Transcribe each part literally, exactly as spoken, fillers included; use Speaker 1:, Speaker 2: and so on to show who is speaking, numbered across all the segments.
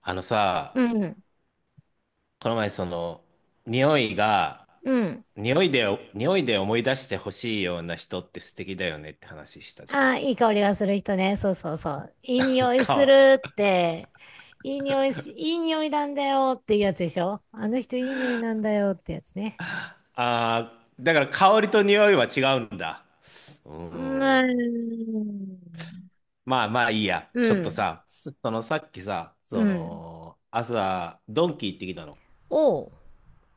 Speaker 1: あの
Speaker 2: う
Speaker 1: さ、
Speaker 2: ん。
Speaker 1: この前その、匂いが、
Speaker 2: うん。
Speaker 1: 匂いで、匂いで思い出してほしいような人って素敵だよねって話したじゃ
Speaker 2: あ
Speaker 1: ん。
Speaker 2: あ、いい香りがする人ね。そうそうそう。いい 匂いす
Speaker 1: か、
Speaker 2: るって。いい匂いし、いい匂いなんだよっていうやつでしょ？あの人いい匂いなんだよってやつね。
Speaker 1: あー、だから香りと匂いは違うんだ。うー
Speaker 2: うー
Speaker 1: ん。
Speaker 2: ん。
Speaker 1: まあまあいいや。
Speaker 2: う
Speaker 1: ちょっと
Speaker 2: ん。
Speaker 1: さ、そそのさっきさ、
Speaker 2: う
Speaker 1: そ
Speaker 2: ん。
Speaker 1: の、朝、ドンキ行ってきたの。
Speaker 2: おう。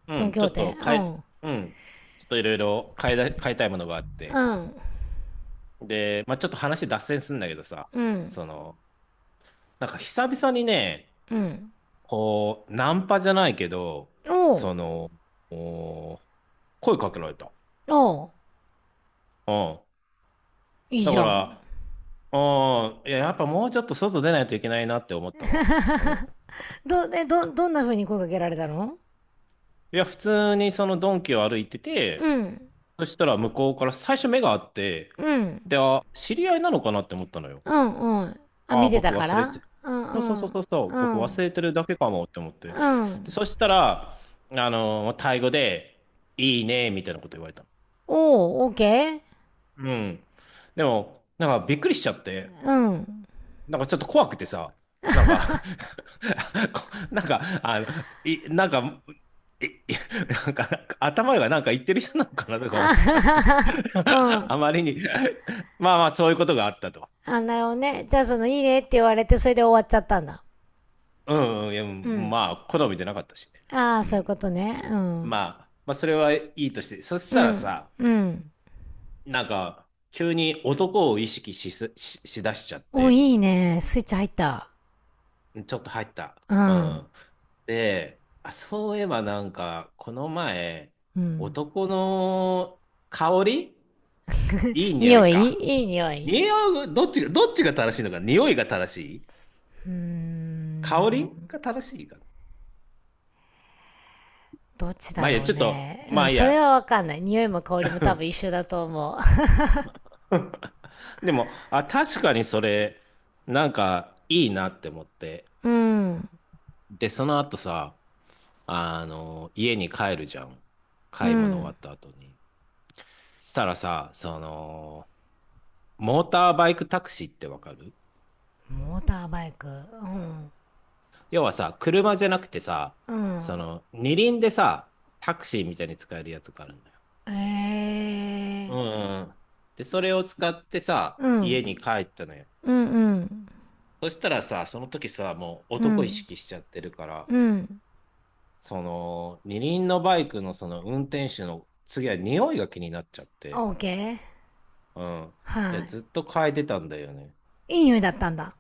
Speaker 1: う
Speaker 2: ドン
Speaker 1: ん、
Speaker 2: キ
Speaker 1: ち
Speaker 2: ホ
Speaker 1: ょ
Speaker 2: ー
Speaker 1: っ
Speaker 2: テ。
Speaker 1: と
Speaker 2: う
Speaker 1: 変え、
Speaker 2: ん。
Speaker 1: うん、ちょっといろいろ変えだ、変えたいものがあっ
Speaker 2: う
Speaker 1: て。
Speaker 2: ん。
Speaker 1: で、まあちょっと話脱線するんだけどさ、
Speaker 2: うん。
Speaker 1: その、なんか久々にね、
Speaker 2: うん。
Speaker 1: こう、ナンパじゃないけど、
Speaker 2: おう。
Speaker 1: その、お声かけられた。
Speaker 2: おう。
Speaker 1: うん。
Speaker 2: いい
Speaker 1: だ
Speaker 2: じ
Speaker 1: か
Speaker 2: ゃん。
Speaker 1: ら、うん、いや、やっぱもうちょっと外出ないといけないなって思ったわ。うん。
Speaker 2: ど、え、ど、どんな風に声かけられたの？
Speaker 1: いや、普通にそのドンキを歩いてて、
Speaker 2: うん。
Speaker 1: そしたら向こうから最初目があって、
Speaker 2: うん。
Speaker 1: で、あ、知り合いなのかなって思ったのよ。
Speaker 2: うん。うん。あ、
Speaker 1: あ
Speaker 2: 見
Speaker 1: あ、
Speaker 2: てた
Speaker 1: 僕
Speaker 2: か
Speaker 1: 忘れて
Speaker 2: ら。
Speaker 1: る。
Speaker 2: うん
Speaker 1: そうそう
Speaker 2: う
Speaker 1: そう
Speaker 2: ん。
Speaker 1: そうそう、
Speaker 2: う
Speaker 1: 僕
Speaker 2: ん。
Speaker 1: 忘れてるだけかもって思って。
Speaker 2: う
Speaker 1: で、
Speaker 2: ん。
Speaker 1: そしたら、あのタイ語で、いいね、みたいなこと言われた。
Speaker 2: おー、OK？
Speaker 1: うん。でも、なんかびっくりしちゃって、
Speaker 2: うん。
Speaker 1: なんかちょっと怖くてさ、なんか こなんか、あの、い、なんか、い、いなんか、頭がなんか言ってる人なのかなとか思っ
Speaker 2: あ
Speaker 1: ちゃ
Speaker 2: は
Speaker 1: っ
Speaker 2: は
Speaker 1: て、
Speaker 2: はは。う ん。
Speaker 1: あまりに。まあまあ、そういうことがあったと。
Speaker 2: あ、なるほどね。じゃあ、その、いいねって言われて、それで終わっちゃったんだ。
Speaker 1: うん、うん、いや、う
Speaker 2: う
Speaker 1: ん
Speaker 2: ん。
Speaker 1: まあ、好みじゃなかったしね。
Speaker 2: ああ、
Speaker 1: う
Speaker 2: そういうこ
Speaker 1: ん。
Speaker 2: とね。う
Speaker 1: ま
Speaker 2: ん。
Speaker 1: あ、まあ、それはいいとして、そし
Speaker 2: う
Speaker 1: たら
Speaker 2: ん。
Speaker 1: さ、
Speaker 2: うん。
Speaker 1: なんか、急に男を意識しす、し、しだしちゃっ
Speaker 2: お、
Speaker 1: て、
Speaker 2: いいね。スイッチ入った。
Speaker 1: ちょっと入った。
Speaker 2: う
Speaker 1: う
Speaker 2: ん。
Speaker 1: ん。で、あ、そういえばなんか、この前、
Speaker 2: うん。
Speaker 1: 男の香りいい匂
Speaker 2: 匂
Speaker 1: い
Speaker 2: い、
Speaker 1: か。
Speaker 2: いい匂い。
Speaker 1: 匂い、どっちが、どっちが正しいのか、匂いが正しい
Speaker 2: うー
Speaker 1: 香り
Speaker 2: ん。
Speaker 1: が正しいかな。
Speaker 2: どっちだ
Speaker 1: まあいいや、
Speaker 2: ろう
Speaker 1: ちょっと、
Speaker 2: ね。う
Speaker 1: ま
Speaker 2: ん、
Speaker 1: あいい
Speaker 2: それ
Speaker 1: や。
Speaker 2: はわかんない。匂いも香りも多分一緒 だと思う。
Speaker 1: でも、あ、確かにそれ、なんか、いいなって思って。
Speaker 2: うん。
Speaker 1: で、その後さ、あの、家に帰るじゃん。
Speaker 2: う
Speaker 1: 買い物終
Speaker 2: ん。
Speaker 1: わった後に。したらさ、その、モーターバイクタクシーってわかる？
Speaker 2: モーターバイク。うん。
Speaker 1: 要はさ、車じゃなくてさ、
Speaker 2: うん。
Speaker 1: その、二輪でさ、タクシーみたいに使えるやつがあるのよ。
Speaker 2: ええ
Speaker 1: うん
Speaker 2: ー。
Speaker 1: うん。で、それを使ってさ、
Speaker 2: う
Speaker 1: 家に
Speaker 2: ん。
Speaker 1: 帰ったのよ。
Speaker 2: うんうん。
Speaker 1: そしたらさ、その時さ、もう
Speaker 2: う
Speaker 1: 男意
Speaker 2: ん。
Speaker 1: 識しちゃってるから、
Speaker 2: うん。
Speaker 1: その、二輪のバイクのその運転手の次は匂いが気になっちゃって、
Speaker 2: オーケー。
Speaker 1: うん。いや、
Speaker 2: は
Speaker 1: ずっと嗅いでたんだよね。
Speaker 2: い。いい匂いだったんだ。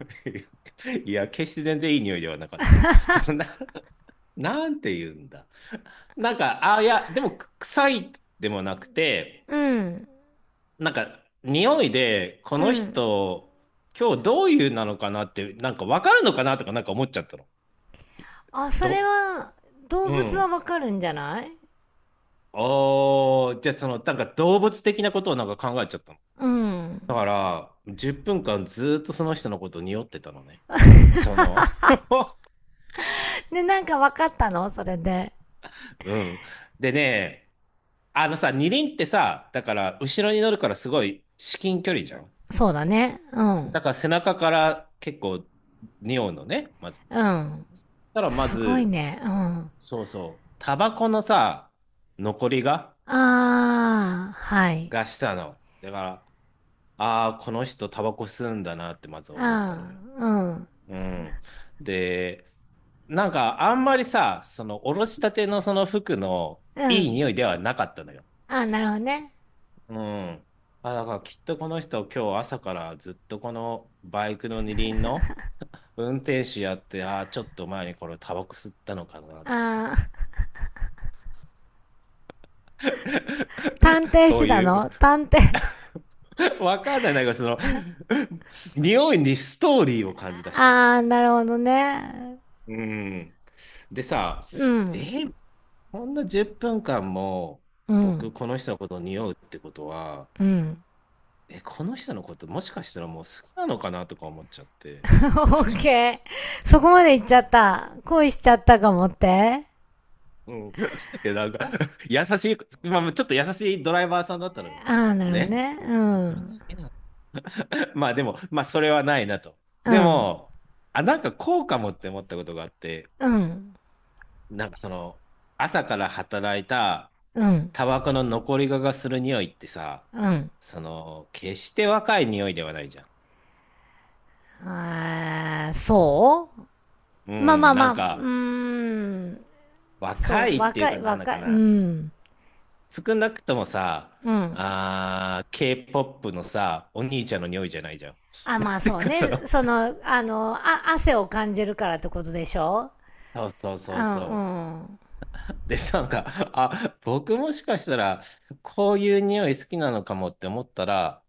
Speaker 1: いや、決して全然いい匂いではなかった。そのな、なんて言うんだ。なんか、あ、いや、でも、く臭いでもなくて、
Speaker 2: うん。
Speaker 1: なんか、匂いで、こ
Speaker 2: う
Speaker 1: の
Speaker 2: ん。
Speaker 1: 人、今日どういうなのかなって、なんか分かるのかなとか、なんか思っちゃったの。
Speaker 2: あ、それ
Speaker 1: ど、
Speaker 2: は、動
Speaker 1: う
Speaker 2: 物は
Speaker 1: ん。
Speaker 2: わかるんじゃない？
Speaker 1: おー、じゃあその、なんか動物的なことをなんか考えちゃったの。
Speaker 2: うん。
Speaker 1: だから、じゅっぷんかんずーっとその人のこと匂ってたのね。その
Speaker 2: で、なんかわかったの？それで。
Speaker 1: うん。でね、あのさ、二輪ってさ、だから、後ろに乗るからすごい至近距離じゃん。
Speaker 2: そうだね。うん。
Speaker 1: だから背中から結構匂うのね、まず
Speaker 2: う
Speaker 1: ね。
Speaker 2: ん。
Speaker 1: そしたらま
Speaker 2: すごい
Speaker 1: ず、
Speaker 2: ね。うん。
Speaker 1: そうそう、タバコのさ、残りが、
Speaker 2: あー、はい。
Speaker 1: がしたの。だから、ああ、この人タバコ吸うんだなってまず思ったの
Speaker 2: あ
Speaker 1: よ。
Speaker 2: ー、うん。
Speaker 1: うん。で、なんかあんまりさ、そのおろしたてのその服の
Speaker 2: う
Speaker 1: いい
Speaker 2: ん。
Speaker 1: 匂いではなかったのよ。
Speaker 2: あー、なるほどね。
Speaker 1: うん。あ、だからきっとこの人今日朝からずっとこのバイクの二輪の運転手やって、ああ、ちょっと前にこれタバコ吸ったのかなとか
Speaker 2: あ
Speaker 1: さ。
Speaker 2: ー、探 偵し
Speaker 1: そ
Speaker 2: て
Speaker 1: う
Speaker 2: た
Speaker 1: いう。
Speaker 2: の？探偵。
Speaker 1: わかんない。なんかその、す匂いにストーリーを感じ出したの。
Speaker 2: あー、なるほどね。
Speaker 1: うん。でさ、
Speaker 2: う
Speaker 1: え
Speaker 2: ん。
Speaker 1: ーこんなじゅっぷんかんも
Speaker 2: う
Speaker 1: 僕
Speaker 2: ん。
Speaker 1: この人のことを匂うってことは、
Speaker 2: うん。
Speaker 1: え、この人のこともしかしたらもう好きなのかなとか思っちゃっ
Speaker 2: オ
Speaker 1: て。
Speaker 2: ッケー。そこまで行っちゃった。恋しちゃったかもって。
Speaker 1: うん。いや、なんか優しい、まあ、ちょっと優しいドライバーさんだったのよ。
Speaker 2: あー、なるほど
Speaker 1: ね。
Speaker 2: ね。う
Speaker 1: あ、これ好
Speaker 2: ん。
Speaker 1: きな？ まあでも、まあそれはないなと。
Speaker 2: う
Speaker 1: で
Speaker 2: ん。
Speaker 1: も、あ、なんかこうかもって思ったことがあって、
Speaker 2: うん。
Speaker 1: なんかその、朝から働いた
Speaker 2: うん。
Speaker 1: タバコの残り香がする匂いってさ、
Speaker 2: うん。
Speaker 1: その、決して若い匂いではないじゃん。
Speaker 2: あー、そ
Speaker 1: う
Speaker 2: う。まあま
Speaker 1: ん、
Speaker 2: あま
Speaker 1: な
Speaker 2: あ、
Speaker 1: ん
Speaker 2: う
Speaker 1: か、
Speaker 2: ーん。そ
Speaker 1: 若
Speaker 2: う、
Speaker 1: いっていう
Speaker 2: 若
Speaker 1: か
Speaker 2: い、
Speaker 1: なんだ
Speaker 2: 若
Speaker 1: か
Speaker 2: い、う
Speaker 1: な。
Speaker 2: ん。
Speaker 1: 少なくともさ、
Speaker 2: うん。
Speaker 1: あー、K-ケーポップ のさ、お兄ちゃんの匂いじゃないじゃん。
Speaker 2: あ、
Speaker 1: な
Speaker 2: ま
Speaker 1: ん
Speaker 2: あ
Speaker 1: ていう
Speaker 2: そう
Speaker 1: かそ
Speaker 2: ね。
Speaker 1: の、
Speaker 2: その、あの、あ、汗を感じるからってことでしょ？
Speaker 1: そうそう
Speaker 2: う
Speaker 1: そう
Speaker 2: ん、
Speaker 1: そう。
Speaker 2: うん。
Speaker 1: で、なんか、あ、僕もしかしたら、こういう匂い好きなのかもって思ったら、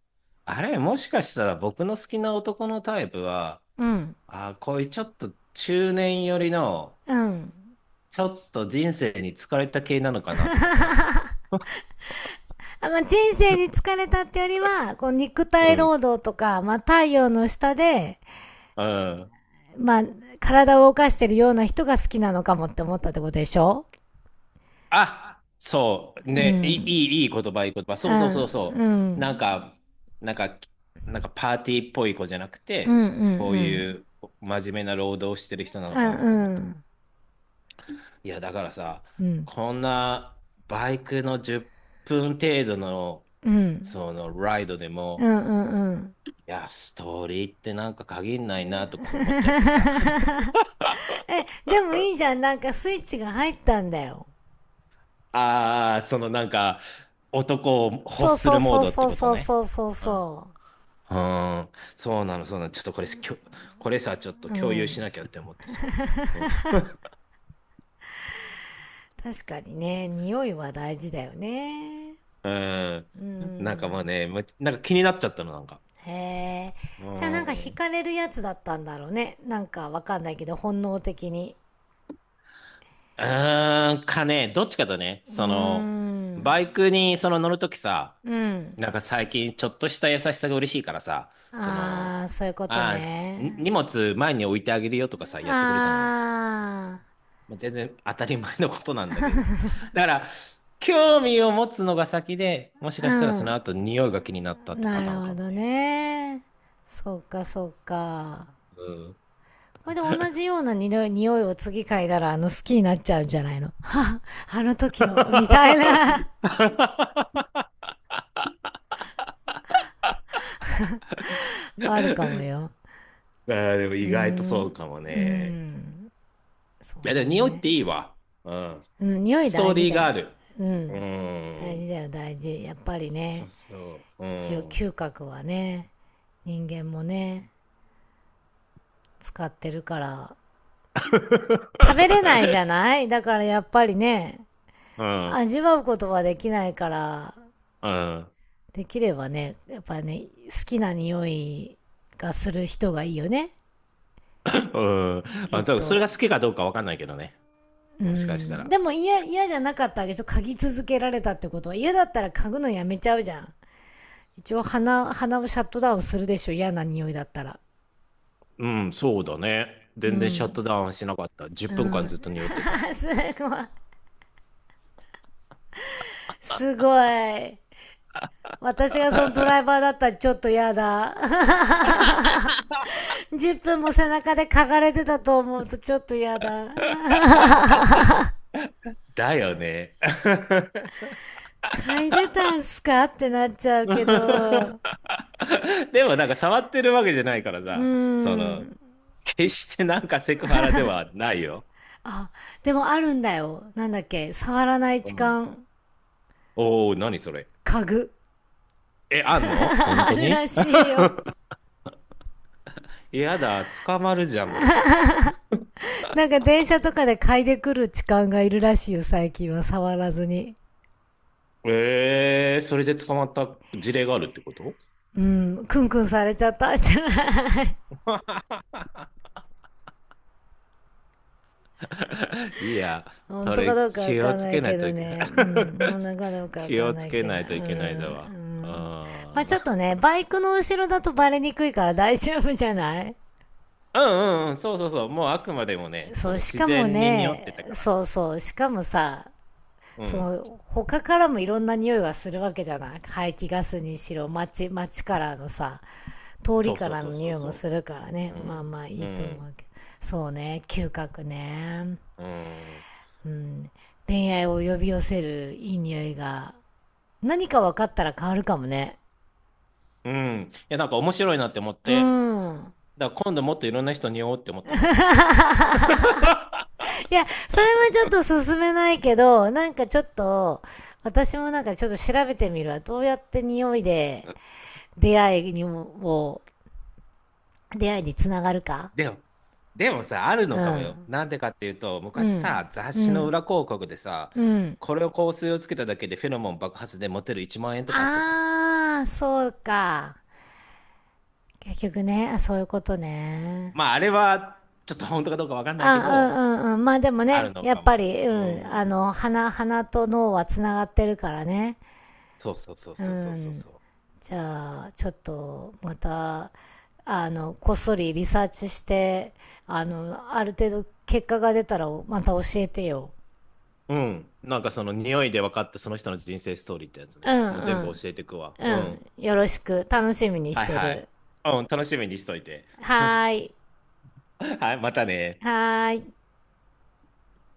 Speaker 1: あれ、もしかしたら僕の好きな男のタイプは、
Speaker 2: うん、
Speaker 1: あ、こういうちょっと中年寄りの、
Speaker 2: うん。
Speaker 1: ちょっと人生に疲れた系なのかなとかさ。
Speaker 2: あ、まあ、人生に疲れたってよりは、こう肉
Speaker 1: う
Speaker 2: 体
Speaker 1: ん。
Speaker 2: 労働とか、まあ、太陽の下で、
Speaker 1: うん。
Speaker 2: まあ、体を動かしてるような人が好きなのかもって思ったってことでしょ？
Speaker 1: あ、そう。
Speaker 2: う
Speaker 1: ね、いい、
Speaker 2: ん。
Speaker 1: いいいい言葉、いい言葉。
Speaker 2: う
Speaker 1: そうそうそう
Speaker 2: ん、う
Speaker 1: そう。なん
Speaker 2: ん。
Speaker 1: か、なんか、なんかパーティーっぽい子じゃなく
Speaker 2: うん、うん、
Speaker 1: て、
Speaker 2: う
Speaker 1: こうい
Speaker 2: ん。
Speaker 1: う真面目な労働をしてる人なの
Speaker 2: う
Speaker 1: か
Speaker 2: ん、
Speaker 1: なとか思っ。
Speaker 2: うん。
Speaker 1: いや、だからさ、
Speaker 2: うん、
Speaker 1: こんなバイクのじゅっぷん程度の、
Speaker 2: うん。
Speaker 1: そのライドで
Speaker 2: う
Speaker 1: も、
Speaker 2: ん、うん、うん。
Speaker 1: いや、ストーリーってなんか限んないなとか思っちゃってさ。
Speaker 2: え、でもいいじゃん。なんかスイッチが入ったんだよ。
Speaker 1: ああ、そのなんか、男を欲
Speaker 2: そう
Speaker 1: す
Speaker 2: そう
Speaker 1: るモー
Speaker 2: そう
Speaker 1: ドっ
Speaker 2: そ
Speaker 1: て
Speaker 2: う
Speaker 1: こと
Speaker 2: そうそ
Speaker 1: ね。
Speaker 2: うそう
Speaker 1: うん。う
Speaker 2: そ
Speaker 1: ーん、そうなの、そうなの。ちょっとこれ、きょ、これさ、ちょっと
Speaker 2: う。う
Speaker 1: 共有
Speaker 2: ん。
Speaker 1: しなきゃって思ってさ。うん。
Speaker 2: 確かにね、匂いは大事だよね。
Speaker 1: うん
Speaker 2: う
Speaker 1: なんかま
Speaker 2: ん。
Speaker 1: あね、むなんか気になっちゃったの、なんか。
Speaker 2: へえ。
Speaker 1: う
Speaker 2: じゃあ、なんか惹
Speaker 1: ん。
Speaker 2: かれるやつだったんだろうね。なんかわかんないけど、本能的に。
Speaker 1: うーん、かね、どっちかだね。
Speaker 2: うー
Speaker 1: その、
Speaker 2: ん。
Speaker 1: バイクにその乗るときさ、
Speaker 2: うん。
Speaker 1: なんか最近ちょっとした優しさが嬉しいからさ、その、
Speaker 2: ああ、そういうこと
Speaker 1: ああ、に
Speaker 2: ね。
Speaker 1: 荷物前に置いてあげるよとかさ、やってくれたのよ。
Speaker 2: あ
Speaker 1: まあ全然当たり前のことなんだけど。だから、興味を持つのが先で、もし
Speaker 2: あ、
Speaker 1: か
Speaker 2: う
Speaker 1: したらその
Speaker 2: ん。
Speaker 1: 後匂いが気になったってパ
Speaker 2: な
Speaker 1: タ
Speaker 2: る
Speaker 1: ーン
Speaker 2: ほ
Speaker 1: かも
Speaker 2: ど
Speaker 1: ね。
Speaker 2: ね。そうか、そうか。
Speaker 1: うん。
Speaker 2: これで同じ ような匂い匂いを次嗅いだら、あの、好きになっちゃうんじゃないの？は、あの時
Speaker 1: あ
Speaker 2: の、みたいな。あるかもよ。
Speaker 1: あ、でも
Speaker 2: うー
Speaker 1: 意外とそう
Speaker 2: ん。
Speaker 1: かも
Speaker 2: う
Speaker 1: ね。
Speaker 2: ん。そ
Speaker 1: い
Speaker 2: う
Speaker 1: や、で
Speaker 2: だ
Speaker 1: も匂いっ
Speaker 2: ね。
Speaker 1: ていいわ。うん。
Speaker 2: うん、匂い
Speaker 1: スト
Speaker 2: 大
Speaker 1: ー
Speaker 2: 事
Speaker 1: リー
Speaker 2: だ
Speaker 1: が
Speaker 2: よ。
Speaker 1: ある。
Speaker 2: う
Speaker 1: う
Speaker 2: ん。大事
Speaker 1: ん。
Speaker 2: だよ、大事。やっぱり
Speaker 1: そ
Speaker 2: ね、
Speaker 1: うそう。う
Speaker 2: 一応
Speaker 1: ん。
Speaker 2: 嗅覚はね、人間もね、使ってるから、食べれな いじゃない？だからやっぱりね、
Speaker 1: うん。
Speaker 2: 味わうことはできないから、
Speaker 1: うん。
Speaker 2: できればね、やっぱね、好きな匂いがする人がいいよね、
Speaker 1: うん。ま
Speaker 2: きっ
Speaker 1: あ、多分それ
Speaker 2: と。
Speaker 1: が好きかどうかわかんないけどね。
Speaker 2: う
Speaker 1: もしかした
Speaker 2: ん。
Speaker 1: ら。
Speaker 2: でも嫌、
Speaker 1: す
Speaker 2: 嫌じゃなかったわけでしょ？嗅ぎ続けられたってことは。嫌だったら嗅ぐのやめちゃうじゃん。一応鼻、鼻をシャットダウンするでしょ？嫌な匂いだったら。
Speaker 1: うん、そうだね。
Speaker 2: う
Speaker 1: 全然シャッ
Speaker 2: ん。
Speaker 1: トダウンしなかった。10
Speaker 2: う
Speaker 1: 分間
Speaker 2: ん。
Speaker 1: ずっと匂ってた。
Speaker 2: あ、すごい。すごい。私がそのドライ バーだったらちょっと嫌だ。じゅっぷんも背中で嗅がれてたと思うとちょっと嫌だ。
Speaker 1: だよね。
Speaker 2: 嗅いでたんすか？ってなっちゃうけ ど。
Speaker 1: でもなんか触ってるわけじゃないから
Speaker 2: う
Speaker 1: さ、その、
Speaker 2: ん。
Speaker 1: 決してなんかセクハラではないよ。
Speaker 2: でもあるんだよ。なんだっけ。触らない
Speaker 1: う
Speaker 2: 痴
Speaker 1: ん。
Speaker 2: 漢。
Speaker 1: おお、何それ。
Speaker 2: 嗅ぐ。
Speaker 1: え、あんの本
Speaker 2: あ
Speaker 1: 当
Speaker 2: る
Speaker 1: に？
Speaker 2: らしいよ。
Speaker 1: やだ、捕まるじゃん、僕。
Speaker 2: なんか電車とかで嗅いでくる痴漢がいるらしいよ、最近は。触らずに。
Speaker 1: ええ、それで捕まった事例があるってこと？
Speaker 2: うん、クンクンされちゃったんじゃない？
Speaker 1: いや、
Speaker 2: 本
Speaker 1: そ
Speaker 2: 当か
Speaker 1: れ
Speaker 2: どうかわ
Speaker 1: 気
Speaker 2: か
Speaker 1: を
Speaker 2: ん
Speaker 1: つ
Speaker 2: ない
Speaker 1: けな
Speaker 2: け
Speaker 1: いと
Speaker 2: ど
Speaker 1: いけない。
Speaker 2: ね。うん、本 当かどうかわ
Speaker 1: 気
Speaker 2: かん
Speaker 1: を
Speaker 2: な
Speaker 1: つ
Speaker 2: い
Speaker 1: け
Speaker 2: けど。う
Speaker 1: な
Speaker 2: ん、
Speaker 1: いといけない
Speaker 2: う
Speaker 1: だわ。
Speaker 2: ん。まあ
Speaker 1: あ
Speaker 2: ちょっと
Speaker 1: ー、
Speaker 2: ね、バイクの後ろだとバレにくいから大丈夫じゃない？
Speaker 1: うんうんうん、そうそうそう。もうあくまでもね、そ
Speaker 2: そう、
Speaker 1: の
Speaker 2: し
Speaker 1: 自
Speaker 2: かも
Speaker 1: 然に匂って
Speaker 2: ね、
Speaker 1: たから
Speaker 2: そう
Speaker 1: さ。
Speaker 2: そう、しかもさ、
Speaker 1: う
Speaker 2: そ
Speaker 1: ん。
Speaker 2: の、他からもいろんな匂いがするわけじゃない？排気ガスにしろ、街、街からのさ、通り
Speaker 1: そう
Speaker 2: か
Speaker 1: そう
Speaker 2: ら
Speaker 1: そう
Speaker 2: の
Speaker 1: そう
Speaker 2: 匂いも
Speaker 1: そ
Speaker 2: するから
Speaker 1: う。
Speaker 2: ね。
Speaker 1: う
Speaker 2: まあ
Speaker 1: ん。
Speaker 2: まあい
Speaker 1: う
Speaker 2: いと思う
Speaker 1: ん。
Speaker 2: けど。そうね、嗅覚ね。
Speaker 1: うん。
Speaker 2: うん、恋愛を呼び寄せるいい匂いが何か分かったら変わるかもね。
Speaker 1: うん。いや、なんか面白いなって思っ
Speaker 2: う
Speaker 1: て。
Speaker 2: ん。
Speaker 1: だから今度もっといろんな人に会おうって思ったの。
Speaker 2: いや、それはちょっと進めないけど、なんかちょっと、私もなんかちょっと調べてみるわ。どうやって匂いで出会いにも、出会いにつながるか。
Speaker 1: でも、でもさ、ある
Speaker 2: う
Speaker 1: のかもよ。
Speaker 2: ん。
Speaker 1: なんでかっていうと、
Speaker 2: う
Speaker 1: 昔
Speaker 2: ん。
Speaker 1: さ、雑
Speaker 2: う
Speaker 1: 誌の
Speaker 2: ん。
Speaker 1: 裏広告でさ、
Speaker 2: うん。
Speaker 1: これを香水をつけただけでフェロモン爆発でモテるいちまんえん円とかあったじゃん。
Speaker 2: あー、そうか。結局ね、そういうことね。
Speaker 1: まあ、あれは、ちょっと本当かどうかわかんないけど、
Speaker 2: あ、うんうんうん。まあでも
Speaker 1: ある
Speaker 2: ね、
Speaker 1: の
Speaker 2: や
Speaker 1: か
Speaker 2: っ
Speaker 1: も
Speaker 2: ぱ
Speaker 1: よ。
Speaker 2: り、
Speaker 1: う
Speaker 2: うん。
Speaker 1: ん。
Speaker 2: あの、鼻、鼻と脳はつながってるからね。
Speaker 1: そうそうそう
Speaker 2: う
Speaker 1: そうそうそう
Speaker 2: ん。
Speaker 1: そ
Speaker 2: じゃあ、ちょっと、また、あの、こっそりリサーチして、あの、ある程度結果が出たら、また教えてよ。
Speaker 1: う。うん。なんかその匂いで分かったその人の人生ストーリーってやつ
Speaker 2: うん
Speaker 1: ね。
Speaker 2: う
Speaker 1: もう全部
Speaker 2: ん。
Speaker 1: 教えてくわ。
Speaker 2: う
Speaker 1: うん。
Speaker 2: ん。よろしく。楽しみにし
Speaker 1: はい
Speaker 2: て
Speaker 1: はい。
Speaker 2: る。
Speaker 1: うん、楽しみにしといて。
Speaker 2: はーい。
Speaker 1: はい、またね。
Speaker 2: はーい。